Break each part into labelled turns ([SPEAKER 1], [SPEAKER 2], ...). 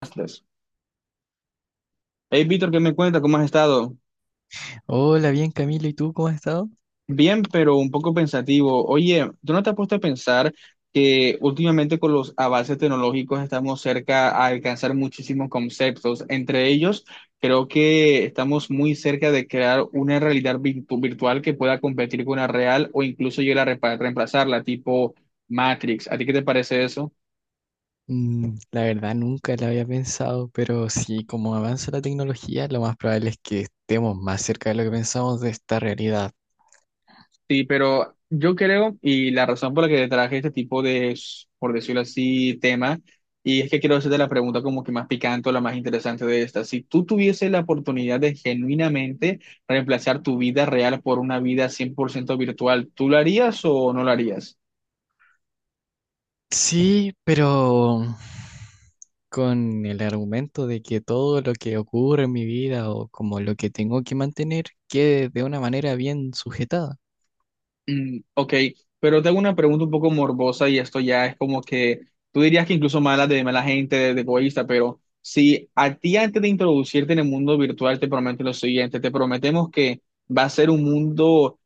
[SPEAKER 1] Astros. Hey, Víctor, ¿qué me cuenta? ¿Cómo has estado?
[SPEAKER 2] Hola, bien Camilo, ¿y tú cómo has estado?
[SPEAKER 1] Bien, pero un poco pensativo. Oye, ¿tú no te has puesto a pensar que últimamente con los avances tecnológicos estamos cerca a alcanzar muchísimos conceptos? Entre ellos, creo que estamos muy cerca de crear una realidad virtual que pueda competir con la real o incluso llegar a reemplazarla, tipo Matrix. ¿A ti qué te parece eso?
[SPEAKER 2] La verdad nunca la había pensado, pero sí, como avanza la tecnología, lo más probable es que estemos más cerca de lo que pensamos de esta realidad.
[SPEAKER 1] Sí, pero yo creo, y la razón por la que traje este tipo de, por decirlo así, tema, y es que quiero hacerte la pregunta como que más picante o la más interesante de esta. Si tú tuvieses la oportunidad de genuinamente reemplazar tu vida real por una vida 100% virtual, ¿tú lo harías o no lo harías?
[SPEAKER 2] Sí, pero con el argumento de que todo lo que ocurre en mi vida o como lo que tengo que mantener quede de una manera bien sujetada.
[SPEAKER 1] Mm, ok. Pero tengo una pregunta un poco morbosa y esto ya es como que tú dirías que incluso mala de mala gente, de egoísta, pero si a ti antes de introducirte en el mundo virtual te prometen lo siguiente, te prometemos que va a ser un mundo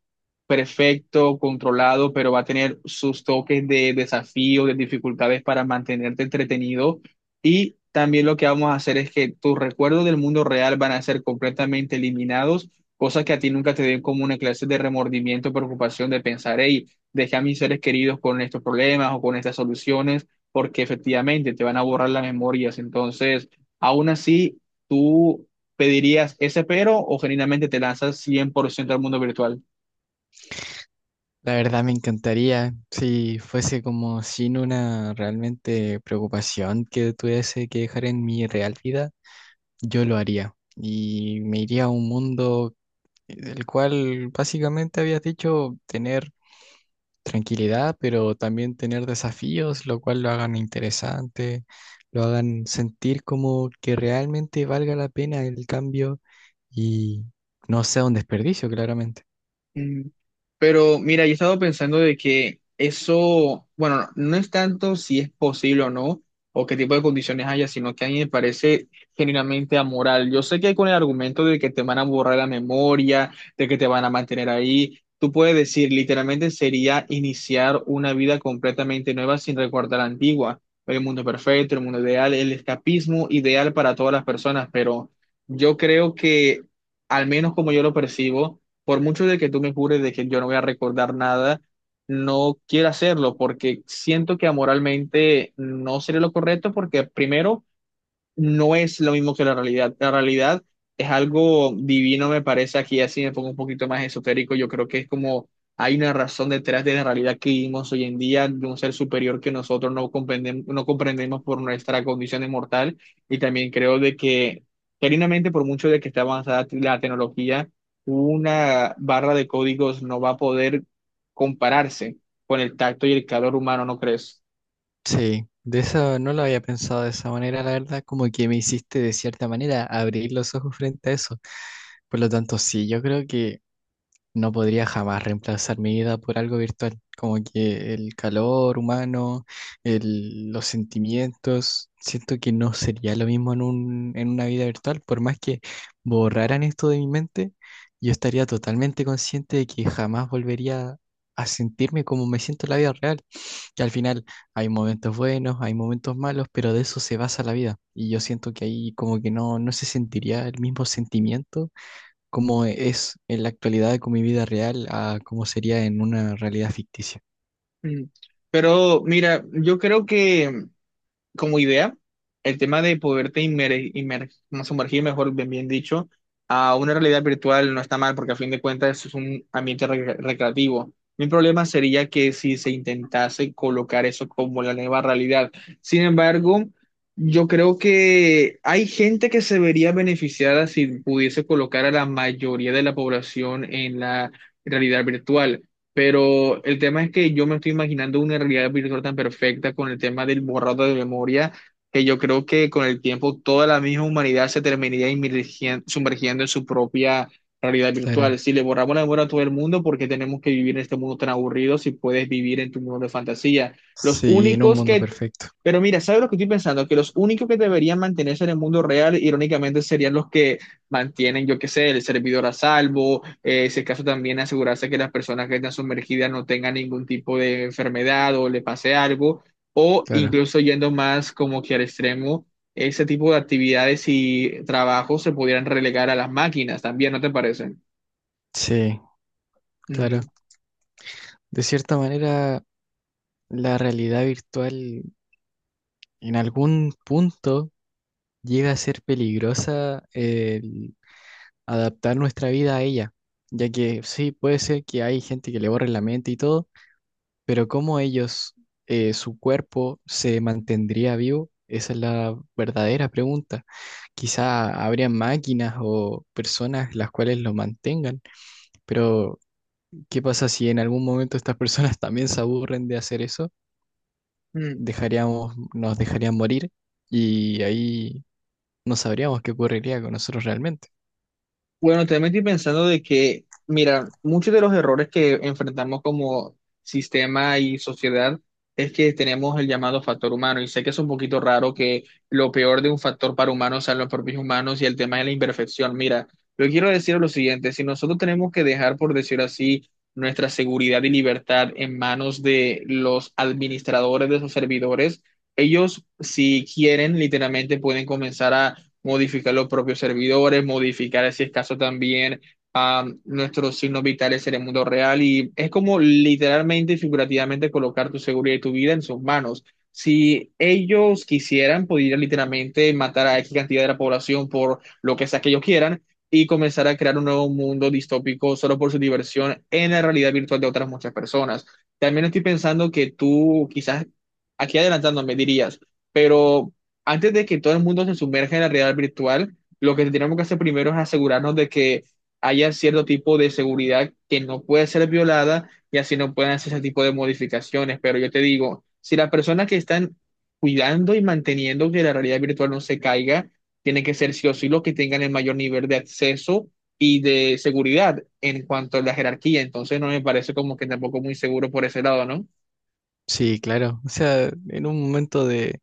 [SPEAKER 1] perfecto, controlado, pero va a tener sus toques de desafío, de dificultades para mantenerte entretenido. Y también lo que vamos a hacer es que tus recuerdos del mundo real van a ser completamente eliminados, cosas que a ti nunca te den como una clase de remordimiento, preocupación de pensar, hey, dejé a mis seres queridos con estos problemas o con estas soluciones, porque efectivamente te van a borrar las memorias. Entonces, aún así, tú... ¿Pedirías ese pero o genuinamente te lanzas 100% al mundo virtual?
[SPEAKER 2] La verdad me encantaría si fuese como sin una realmente preocupación que tuviese que dejar en mi real vida, yo lo haría y me iría a un mundo el cual básicamente habías dicho tener tranquilidad, pero también tener desafíos, lo cual lo hagan interesante, lo hagan sentir como que realmente valga la pena el cambio y no sea un desperdicio, claramente.
[SPEAKER 1] Mm. Pero mira, yo he estado pensando de que eso, bueno, no es tanto si es posible o no, o qué tipo de condiciones haya, sino que a mí me parece genuinamente amoral. Yo sé que con el argumento de que te van a borrar la memoria, de que te van a mantener ahí, tú puedes decir, literalmente sería iniciar una vida completamente nueva sin recordar la antigua, el mundo perfecto, el mundo ideal, el escapismo ideal para todas las personas, pero yo creo que, al menos como yo lo percibo, por mucho de que tú me jures de que yo no voy a recordar nada, no quiero hacerlo porque siento que amoralmente no sería lo correcto porque primero no es lo mismo que la realidad. La realidad es algo divino, me parece. Aquí así me pongo un poquito más esotérico. Yo creo que es como hay una razón detrás de la realidad que vivimos hoy en día, de un ser superior que nosotros no comprendemos, no comprendemos por nuestra condición mortal. Y también creo de que, genuinamente, por mucho de que esté avanzada la tecnología, una barra de códigos no va a poder compararse con el tacto y el calor humano, ¿no crees?
[SPEAKER 2] Sí, de eso no lo había pensado de esa manera, la verdad, como que me hiciste de cierta manera abrir los ojos frente a eso. Por lo tanto, sí, yo creo que no podría jamás reemplazar mi vida por algo virtual, como que el calor humano, los sentimientos, siento que no sería lo mismo en una vida virtual, por más que borraran esto de mi mente, yo estaría totalmente consciente de que jamás volvería a sentirme como me siento en la vida real, que al final hay momentos buenos, hay momentos malos, pero de eso se basa la vida, y yo siento que ahí como que no, no se sentiría el mismo sentimiento cómo es en la actualidad con mi vida real a cómo sería en una realidad ficticia.
[SPEAKER 1] Mm. Pero mira, yo creo que como idea, el tema de poderte como sumergir, bien dicho, a una realidad virtual no está mal porque a fin de cuentas es un ambiente recreativo. Mi problema sería que si se intentase colocar eso como la nueva realidad. Sin embargo, yo creo que hay gente que se vería beneficiada si pudiese colocar a la mayoría de la población en la realidad virtual. Pero el tema es que yo me estoy imaginando una realidad virtual tan perfecta con el tema del borrado de memoria, que yo creo que con el tiempo toda la misma humanidad se terminaría sumergiendo en su propia realidad
[SPEAKER 2] Claro,
[SPEAKER 1] virtual. Si le borramos la memoria a todo el mundo, ¿porque tenemos que vivir en este mundo tan aburrido si puedes vivir en tu mundo de fantasía? Los
[SPEAKER 2] sí, en un
[SPEAKER 1] únicos
[SPEAKER 2] mundo
[SPEAKER 1] que...
[SPEAKER 2] perfecto,
[SPEAKER 1] Pero mira, ¿sabes lo que estoy pensando? Que los únicos que deberían mantenerse en el mundo real, irónicamente, serían los que mantienen, yo qué sé, el servidor a salvo. Si es caso también asegurarse que las personas que están sumergidas no tengan ningún tipo de enfermedad o le pase algo. O
[SPEAKER 2] claro.
[SPEAKER 1] incluso yendo más como que al extremo, ese tipo de actividades y trabajos se pudieran relegar a las máquinas también, ¿no te parece?
[SPEAKER 2] Sí, claro. De cierta manera, la realidad virtual en algún punto llega a ser peligrosa el adaptar nuestra vida a ella, ya que sí, puede ser que hay gente que le borre la mente y todo, pero cómo ellos, su cuerpo se mantendría vivo, esa es la verdadera pregunta. Quizá habrían máquinas o personas las cuales lo mantengan, pero ¿qué pasa si en algún momento estas personas también se aburren de hacer eso?
[SPEAKER 1] Ujú.
[SPEAKER 2] Dejaríamos, nos dejarían morir y ahí no sabríamos qué ocurriría con nosotros realmente.
[SPEAKER 1] Bueno, también estoy pensando de que, mira, muchos de los errores que enfrentamos como sistema y sociedad es que tenemos el llamado factor humano y sé que es un poquito raro que lo peor de un factor para humanos sean los propios humanos y el tema de la imperfección. Mira, yo quiero decir lo siguiente, si nosotros tenemos que dejar, por decir así, nuestra seguridad y libertad en manos de los administradores de esos servidores, ellos si quieren literalmente pueden comenzar a modificar los propios servidores, modificar, si es caso, también a nuestros signos vitales en el mundo real. Y es como literalmente y figurativamente colocar tu seguridad y tu vida en sus manos. Si ellos quisieran, podrían literalmente matar a X cantidad de la población por lo que sea que ellos quieran y comenzar a crear un nuevo mundo distópico solo por su diversión en la realidad virtual de otras muchas personas. También estoy pensando que tú quizás aquí adelantándome dirías, pero antes de que todo el mundo se sumerja en la realidad virtual, lo que tenemos que hacer primero es asegurarnos de que haya cierto tipo de seguridad que no puede ser violada y así no pueden hacer ese tipo de modificaciones. Pero yo te digo, si las personas que están cuidando y manteniendo que la realidad virtual no se caiga, tienen que ser sí o sí los que tengan el mayor nivel de acceso y de seguridad en cuanto a la jerarquía. Entonces no me parece como que tampoco muy seguro por ese lado, ¿no?
[SPEAKER 2] Sí, claro. O sea, en un momento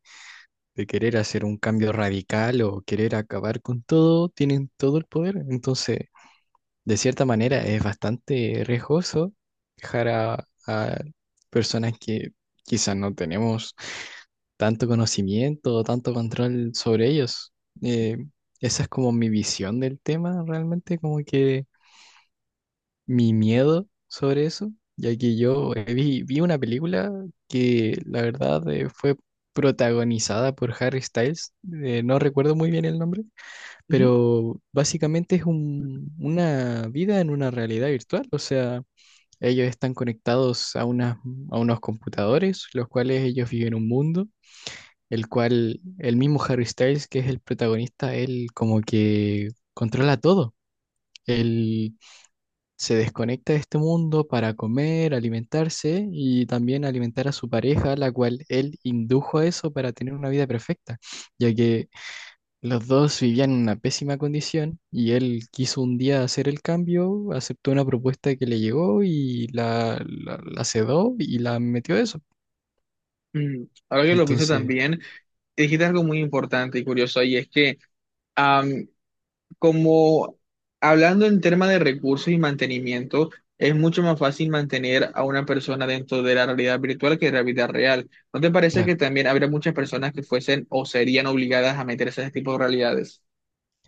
[SPEAKER 2] de querer hacer un cambio radical o querer acabar con todo, tienen todo el poder. Entonces, de cierta manera es bastante riesgoso dejar a personas que quizás no tenemos tanto conocimiento o tanto control sobre ellos. Eh, Esa es como mi visión del tema, realmente, como que mi miedo sobre eso, ya que yo vi una película que la verdad fue protagonizada por Harry Styles, no recuerdo muy bien el nombre,
[SPEAKER 1] Ujú.
[SPEAKER 2] pero básicamente es una vida en una realidad virtual, o sea, ellos están conectados a unos computadores, los cuales ellos viven un mundo, el cual el mismo Harry Styles, que es el protagonista, él como que controla todo. Él se desconecta de este mundo para comer, alimentarse y también alimentar a su pareja, la cual él indujo a eso para tener una vida perfecta, ya que los dos vivían en una pésima condición y él quiso un día hacer el cambio, aceptó una propuesta que le llegó y la sedó y la metió a eso.
[SPEAKER 1] Mm. Ahora que lo pienso
[SPEAKER 2] Entonces,
[SPEAKER 1] también, dijiste algo muy importante y curioso y es que am, como hablando en tema de recursos y mantenimiento, es mucho más fácil mantener a una persona dentro de la realidad virtual que de la vida real. ¿No te parece que
[SPEAKER 2] claro,
[SPEAKER 1] también habría muchas personas que fuesen o serían obligadas a meterse a ese tipo de realidades?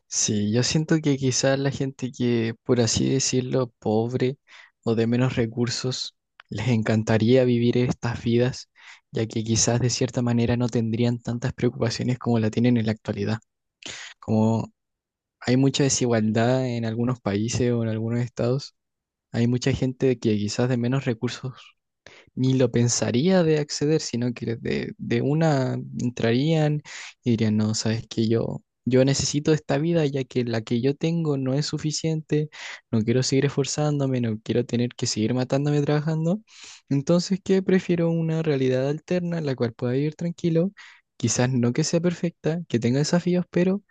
[SPEAKER 2] sí, yo siento que quizás la gente que, por así decirlo, pobre o de menos recursos, les encantaría vivir estas vidas, ya que quizás de cierta manera no tendrían tantas preocupaciones como la tienen en la actualidad. Como hay mucha desigualdad en algunos países o en algunos estados. Hay mucha gente que quizás de menos recursos ni lo pensaría de acceder, sino que de una entrarían y dirían, no, sabes que yo necesito esta vida ya que la que yo tengo no es suficiente, no quiero seguir esforzándome, no quiero tener que seguir matándome trabajando, entonces que prefiero una realidad alterna en la cual pueda vivir tranquilo, quizás no que sea perfecta, que tenga desafíos, pero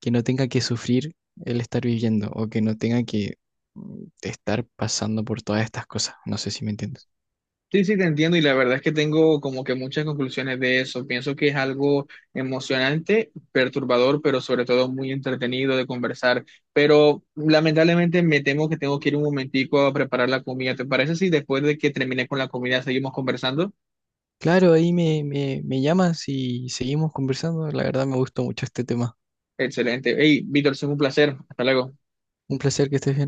[SPEAKER 2] que no tenga que sufrir el estar viviendo o que no tenga que estar pasando por todas estas cosas, no sé si me entiendes.
[SPEAKER 1] Sí, sí, te entiendo y la verdad es que tengo como que muchas conclusiones de eso. Pienso que es algo emocionante, perturbador, pero sobre todo muy entretenido de conversar. Pero lamentablemente me temo que tengo que ir un momentico a preparar la comida. ¿Te parece si después de que termine con la comida seguimos conversando?
[SPEAKER 2] Claro, ahí me llamas y seguimos conversando. La verdad me gustó mucho este tema.
[SPEAKER 1] Excelente. Hey, Víctor, es un placer. Hasta luego.
[SPEAKER 2] Un placer que estés bien.